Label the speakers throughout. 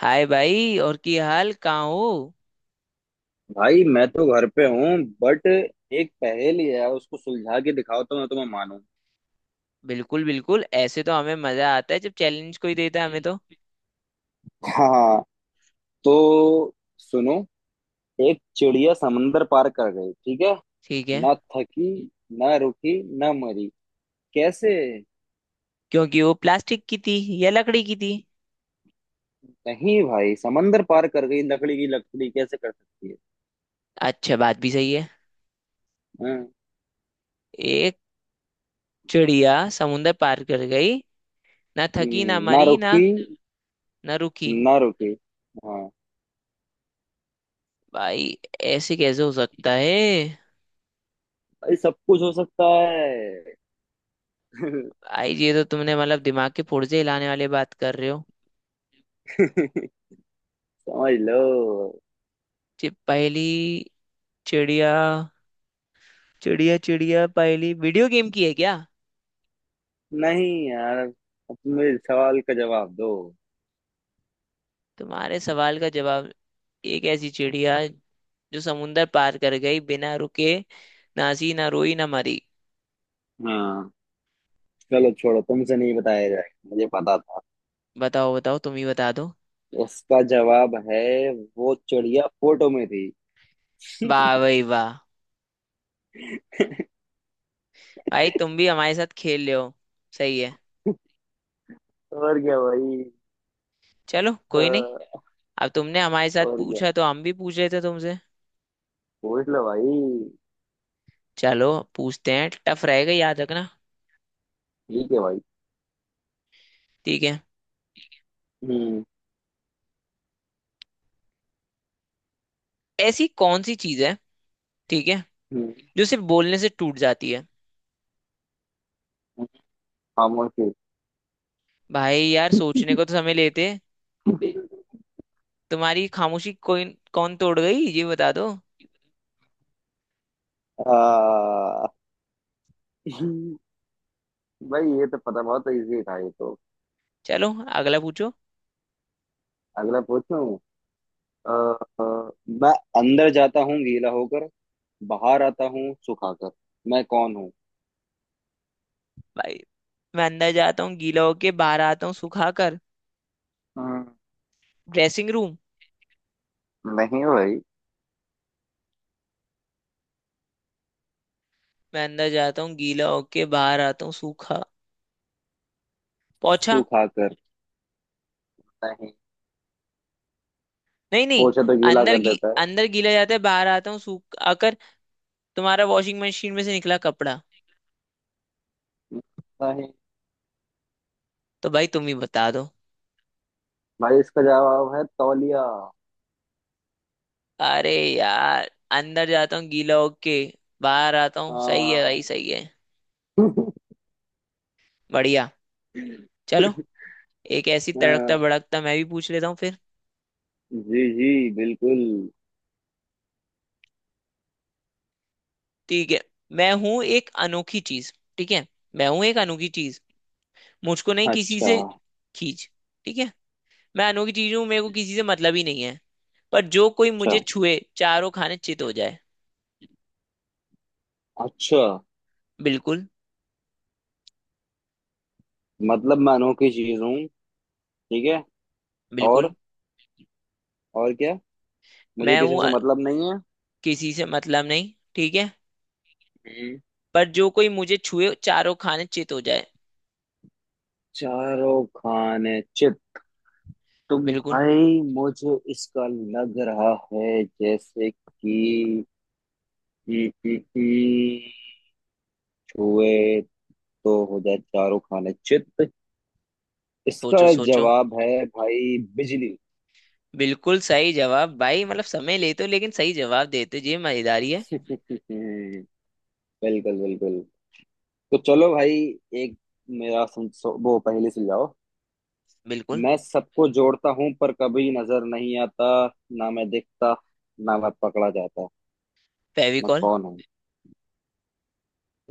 Speaker 1: हाय भाई। और की हाल कहाँ हो।
Speaker 2: भाई मैं तो घर पे हूँ। बट एक पहेली है, उसको सुलझा के दिखाओ तो मैं तुम्हें मानूं।
Speaker 1: बिल्कुल बिल्कुल, ऐसे तो हमें मजा आता है जब चैलेंज कोई देता है हमें तो।
Speaker 2: हाँ। तो सुनो। एक चिड़िया समंदर पार कर गई, ठीक है।
Speaker 1: ठीक है।
Speaker 2: ना थकी, ना रुकी, ना मरी, कैसे।
Speaker 1: क्योंकि वो प्लास्टिक की थी या लकड़ी की थी।
Speaker 2: नहीं भाई, समंदर पार कर गई, लकड़ी की लकड़ी कैसे कर सकती है।
Speaker 1: अच्छा, बात भी सही है।
Speaker 2: हाँ।
Speaker 1: एक चिड़िया समुंदर पार कर गई, ना थकी ना
Speaker 2: ना
Speaker 1: मरी ना
Speaker 2: रुकी।
Speaker 1: ना रुकी।
Speaker 2: ना रुकी। हाँ।
Speaker 1: भाई ऐसे कैसे हो सकता है।
Speaker 2: भाई सब कुछ हो सकता है।
Speaker 1: भाई ये तो तुमने मतलब दिमाग के पुर्जे हिलाने वाले बात कर रहे हो।
Speaker 2: समझ लो।
Speaker 1: ये पहली चिड़िया चिड़िया चिड़िया पहली वीडियो गेम की है क्या।
Speaker 2: नहीं यार, अब तुम मेरे सवाल का जवाब दो।
Speaker 1: तुम्हारे सवाल का जवाब, एक ऐसी चिड़िया जो समुंदर पार कर गई बिना रुके, नासी ना रोई ना मरी।
Speaker 2: हाँ। चलो छोड़ो, तुमसे नहीं बताया जाएगा, मुझे पता था।
Speaker 1: बताओ बताओ, तुम ही बता दो।
Speaker 2: इसका जवाब है, वो चिड़िया फोटो में थी।
Speaker 1: वाह भाई वाह। भाई तुम भी हमारे साथ खेल रहे हो। सही है।
Speaker 2: और क्या भाई।
Speaker 1: चलो कोई नहीं।
Speaker 2: हाँ।
Speaker 1: अब तुमने हमारे साथ
Speaker 2: और क्या।
Speaker 1: पूछा तो हम भी पूछ रहे थे तुमसे।
Speaker 2: पूछ लो भाई।
Speaker 1: चलो पूछते हैं, टफ रहेगा याद रखना।
Speaker 2: ठीक है भाई।
Speaker 1: ठीक है,
Speaker 2: हम्म।
Speaker 1: ऐसी कौन सी चीज है, ठीक है,
Speaker 2: हम्म।
Speaker 1: जो सिर्फ बोलने से टूट जाती है।
Speaker 2: खामोशी।
Speaker 1: भाई यार सोचने को तो समय लेते। तुम्हारी खामोशी कोई कौन तोड़ गई ये बता दो।
Speaker 2: आ, भाई ये तो पता बहुत इजी था, ये तो।
Speaker 1: चलो अगला पूछो।
Speaker 2: अगला पूछूं। अ, अ, मैं अंदर जाता हूँ गीला होकर, बाहर आता हूँ सुखाकर, मैं कौन हूँ।
Speaker 1: भाई मैं अंदर जाता हूँ गीला होके, बाहर आता हूँ सूखा कर।
Speaker 2: हम्म,
Speaker 1: ड्रेसिंग रूम।
Speaker 2: नहीं भाई,
Speaker 1: मैं अंदर जाता हूँ गीला होके, बाहर आता हूँ सूखा। पोछा।
Speaker 2: सुखाकर। नहीं।
Speaker 1: नहीं नहीं।
Speaker 2: पोछा तो गीला
Speaker 1: अंदर
Speaker 2: कर
Speaker 1: गी,
Speaker 2: देता है।
Speaker 1: अंदर गीला जाता है बाहर आता हूँ सूखा कर। तुम्हारा वॉशिंग मशीन में से निकला कपड़ा।
Speaker 2: नहीं
Speaker 1: तो भाई तुम ही बता दो।
Speaker 2: भाई, इसका जवाब है तौलिया।
Speaker 1: अरे यार अंदर जाता हूँ गीला होके बाहर आता हूँ, सही है
Speaker 2: हाँ।
Speaker 1: भाई सही है। बढ़िया। चलो, एक ऐसी
Speaker 2: हाँ,
Speaker 1: तड़कता भड़कता मैं भी पूछ लेता हूँ फिर।
Speaker 2: जी जी, बिल्कुल।
Speaker 1: ठीक है, मैं हूँ एक अनोखी चीज। ठीक है, मैं हूँ एक अनोखी चीज, मुझको नहीं किसी
Speaker 2: अच्छा।
Speaker 1: से खींच। ठीक है, मैं अनोखी चीज हूँ, मेरे को किसी से मतलब ही नहीं है, पर जो कोई मुझे
Speaker 2: अच्छा।
Speaker 1: छुए चारों खाने चित हो जाए।
Speaker 2: अच्छा।
Speaker 1: बिल्कुल।
Speaker 2: मतलब मैं अनोखी चीज हूँ, ठीक है।
Speaker 1: बिल्कुल।
Speaker 2: और और क्या, मुझे
Speaker 1: मैं
Speaker 2: किसी
Speaker 1: हूँ
Speaker 2: से
Speaker 1: अ-
Speaker 2: मतलब नहीं है।
Speaker 1: किसी से मतलब नहीं, ठीक है,
Speaker 2: हम्म।
Speaker 1: पर जो कोई मुझे छुए चारों खाने चित हो जाए।
Speaker 2: चारों खाने चित। तो
Speaker 1: बिल्कुल।
Speaker 2: भाई मुझे इसका लग रहा है जैसे कि कि छुए तो हो जाए चारों खाने चित, इसका
Speaker 1: सोचो सोचो।
Speaker 2: जवाब है भाई बिजली।
Speaker 1: बिल्कुल सही जवाब भाई, मतलब समय लेते हो लेकिन सही जवाब देते हो, ये मजेदारी है।
Speaker 2: बिल्कुल बिल्कुल। तो चलो भाई, एक मेरा सुन, वो पहले सुलझाओ।
Speaker 1: बिल्कुल।
Speaker 2: मैं सबको जोड़ता हूँ पर कभी नजर नहीं आता, ना मैं दिखता, ना मैं पकड़ा जाता, मैं
Speaker 1: फेविकॉल।
Speaker 2: कौन हूँ।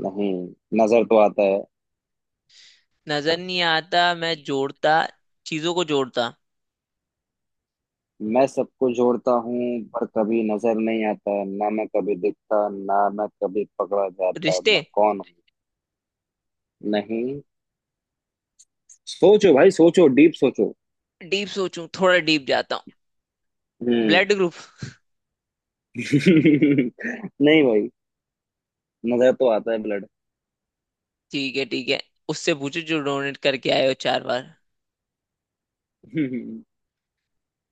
Speaker 2: नहीं, नजर तो आता है।
Speaker 1: नजर नहीं आता, मैं जोड़ता, चीजों को जोड़ता।
Speaker 2: मैं सबको जोड़ता हूँ पर कभी नजर नहीं आता, ना मैं कभी दिखता, ना मैं कभी पकड़ा जाता,
Speaker 1: रिश्ते।
Speaker 2: मैं कौन हूँ। नहीं, सोचो भाई सोचो, डीप सोचो।
Speaker 1: डीप सोचूं, थोड़ा डीप जाता हूँ,
Speaker 2: हम्म।
Speaker 1: Blood group.
Speaker 2: नहीं भाई, नजर तो आता है ब्लड।
Speaker 1: ठीक है ठीक है, उससे पूछो जो डोनेट करके आए हो चार बार।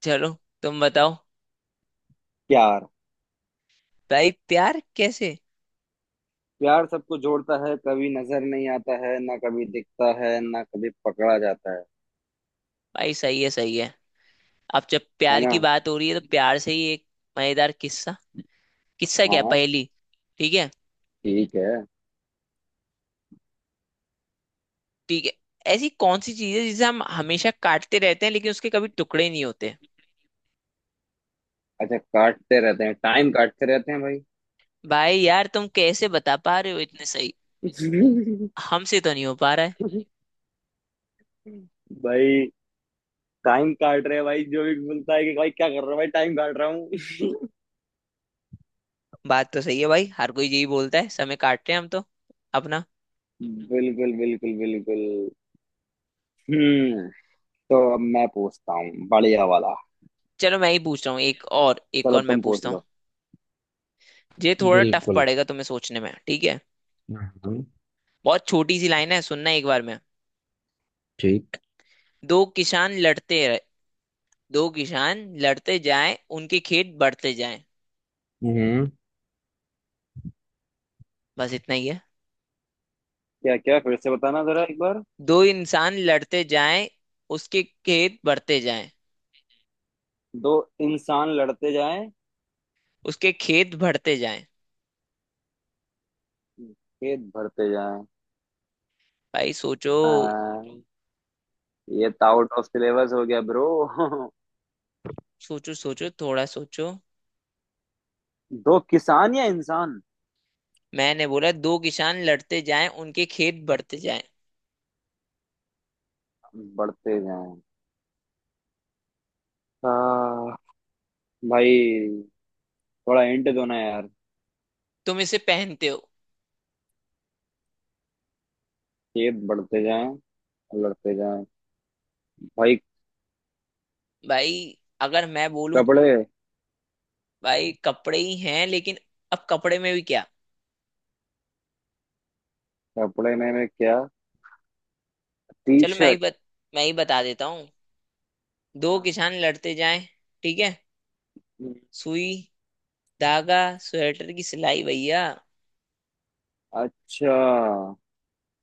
Speaker 1: चलो तुम बताओ।
Speaker 2: प्यार।
Speaker 1: भाई प्यार कैसे।
Speaker 2: प्यार सबको जोड़ता है, कभी नजर नहीं आता है, ना कभी दिखता है, ना कभी पकड़ा जाता है
Speaker 1: भाई सही है सही है। अब जब
Speaker 2: है
Speaker 1: प्यार
Speaker 2: ना।
Speaker 1: की बात हो रही है तो प्यार से ही एक मजेदार किस्सा, किस्सा
Speaker 2: हाँ
Speaker 1: क्या
Speaker 2: हाँ।
Speaker 1: पहेली। ठीक है।
Speaker 2: ठीक है।
Speaker 1: ठीक है, ऐसी कौन सी चीज है जिसे हम हमेशा काटते रहते हैं लेकिन उसके कभी टुकड़े नहीं होते।
Speaker 2: अच्छा, काटते रहते हैं, टाइम काटते रहते हैं भाई।
Speaker 1: भाई यार तुम कैसे बता पा रहे हो इतने सही, हमसे तो नहीं हो पा रहा है।
Speaker 2: भाई टाइम काट रहे हैं भाई, जो भी बोलता है कि भाई क्या कर रहा हूँ भाई टाइम काट रहा हूँ।
Speaker 1: बात तो सही है भाई, हर कोई यही बोलता है समय काट रहे हैं हम तो अपना।
Speaker 2: बिल्कुल बिल्कुल बिल्कुल। हम्म। तो अब मैं पूछता हूँ बढ़िया वाला।
Speaker 1: चलो मैं ही पूछ रहा हूँ, एक
Speaker 2: चलो
Speaker 1: और मैं
Speaker 2: तुम पूछ
Speaker 1: पूछता हूँ।
Speaker 2: लो।
Speaker 1: ये थोड़ा टफ
Speaker 2: बिल्कुल।
Speaker 1: पड़ेगा तुम्हें सोचने में, ठीक है। बहुत छोटी सी लाइन है, सुनना एक बार में।
Speaker 2: ठीक।
Speaker 1: दो किसान लड़ते रहे, दो किसान लड़ते जाएं उनके खेत बढ़ते जाएं।
Speaker 2: हम्म।
Speaker 1: बस इतना ही है।
Speaker 2: क्या क्या, फिर से बताना जरा एक बार।
Speaker 1: दो इंसान लड़ते जाएं, उसके खेत बढ़ते जाएं,
Speaker 2: दो इंसान लड़ते जाएं,
Speaker 1: उसके खेत बढ़ते जाएं।
Speaker 2: खेत भरते जाएं।
Speaker 1: भाई सोचो।
Speaker 2: आ, ये तो आउट ऑफ सिलेबस हो गया ब्रो।
Speaker 1: सोचो, सोचो थोड़ा सोचो।
Speaker 2: दो किसान या इंसान
Speaker 1: मैंने बोला दो किसान लड़ते जाएं उनके खेत बढ़ते जाएं।
Speaker 2: बढ़ते जाएं। आ, भाई, थोड़ा हिंट दो ना यार।
Speaker 1: तुम इसे पहनते हो।
Speaker 2: खेत बढ़ते जाएं, लड़ते जाएं भाई।
Speaker 1: भाई अगर मैं बोलूं,
Speaker 2: कपड़े।
Speaker 1: भाई कपड़े ही हैं लेकिन अब कपड़े में भी क्या।
Speaker 2: कपड़े में मैं क्या, टी
Speaker 1: चलो मैं ही
Speaker 2: शर्ट।
Speaker 1: बत, मैं ही बता देता हूँ। दो किसान लड़ते जाएं, ठीक है, सुई, धागा, स्वेटर की सिलाई भैया।
Speaker 2: अच्छा।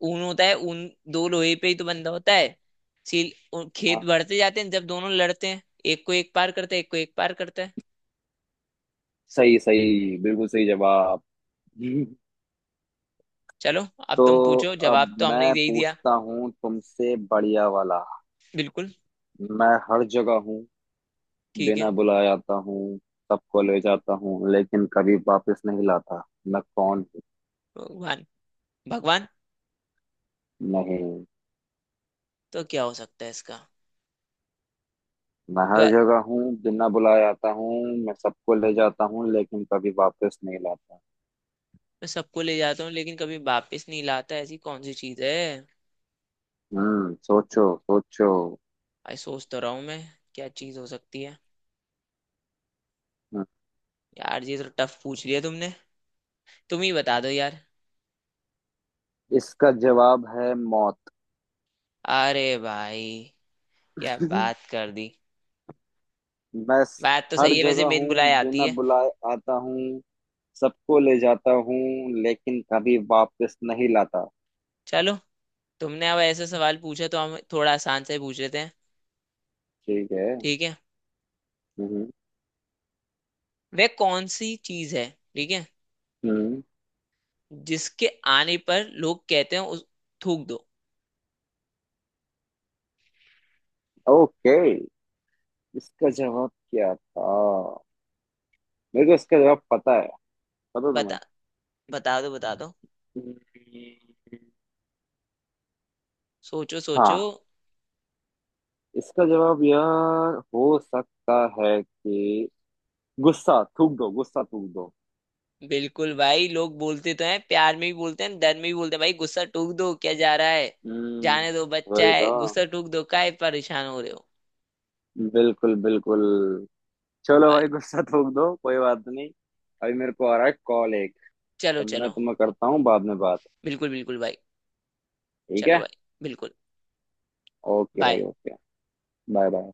Speaker 1: ऊन होता है, ऊन दो लोहे पे ही तो बंधा होता है। सील। उ- खेत
Speaker 2: हाँ
Speaker 1: बढ़ते जाते हैं जब दोनों लड़ते हैं, एक को एक पार करता है एक को एक पार करता है।
Speaker 2: सही सही, बिल्कुल सही जवाब।
Speaker 1: चलो, अब तुम
Speaker 2: तो
Speaker 1: पूछो,
Speaker 2: अब
Speaker 1: जवाब तो हमने ही
Speaker 2: मैं
Speaker 1: दे ही दिया।
Speaker 2: पूछता हूँ तुमसे बढ़िया वाला।
Speaker 1: बिल्कुल।
Speaker 2: मैं हर जगह हूँ,
Speaker 1: ठीक है।
Speaker 2: बिना बुलाए आता हूँ, सबको ले जाता हूँ लेकिन कभी वापस नहीं लाता, मैं कौन हूँ।
Speaker 1: भगवान। भगवान।
Speaker 2: नहीं।
Speaker 1: तो क्या हो सकता है इसका।
Speaker 2: मैं हर
Speaker 1: द्वार।
Speaker 2: जगह हूँ, बिना बुलाए आता हूँ, मैं सबको ले जाता हूँ लेकिन कभी वापस नहीं लाता।
Speaker 1: मैं सबको ले जाता हूँ लेकिन कभी वापस नहीं लाता, ऐसी कौन सी चीज है।
Speaker 2: हम्म, सोचो सोचो।
Speaker 1: आई सोच तो रहा हूँ मैं, क्या चीज हो सकती है।
Speaker 2: हम्म,
Speaker 1: यार ये तो टफ पूछ लिया तुमने, तुम ही बता दो यार।
Speaker 2: इसका जवाब है मौत।
Speaker 1: अरे भाई क्या बात कर दी।
Speaker 2: मैं
Speaker 1: बात तो
Speaker 2: हर
Speaker 1: सही है, वैसे
Speaker 2: जगह
Speaker 1: मेन
Speaker 2: हूँ,
Speaker 1: बुलाए आती
Speaker 2: बिना
Speaker 1: है।
Speaker 2: बुलाए आता हूँ, सबको ले जाता हूँ, लेकिन कभी वापस नहीं लाता।
Speaker 1: चलो, तुमने अब ऐसे सवाल पूछा तो हम थोड़ा आसान से पूछ लेते हैं।
Speaker 2: ठीक है।
Speaker 1: ठीक है,
Speaker 2: हम्म।
Speaker 1: वह कौन सी चीज है, ठीक है,
Speaker 2: हम्म।
Speaker 1: जिसके आने पर लोग कहते हैं उस थूक दो।
Speaker 2: ओके। इसका जवाब क्या था। मेरे को इसका जवाब पता है। पता तुम्हें।
Speaker 1: बता, बता दो बता दो।
Speaker 2: हम्म,
Speaker 1: सोचो सोचो।
Speaker 2: हाँ। इसका जवाब यार हो सकता है कि गुस्सा थूक दो, गुस्सा थूक दो।
Speaker 1: बिल्कुल भाई, लोग बोलते तो हैं, प्यार में भी बोलते हैं, डर में भी बोलते हैं, भाई गुस्सा टूक दो, क्या जा रहा है,
Speaker 2: हम्म।
Speaker 1: जाने दो बच्चा
Speaker 2: वही तो,
Speaker 1: है, गुस्सा टूक दो, काहे परेशान हो रहे हो।
Speaker 2: बिल्कुल बिल्कुल। चलो
Speaker 1: बाय।
Speaker 2: भाई, गुस्सा थूक दो, कोई बात नहीं। अभी मेरे को आ रहा है कॉल एक, तो
Speaker 1: चलो
Speaker 2: मैं
Speaker 1: चलो।
Speaker 2: तुम्हें करता हूँ बाद में बात।
Speaker 1: बिल्कुल बिल्कुल भाई।
Speaker 2: ठीक
Speaker 1: चलो
Speaker 2: है।
Speaker 1: भाई। बिल्कुल।
Speaker 2: ओके भाई
Speaker 1: बाय।
Speaker 2: ओके। Bye bye.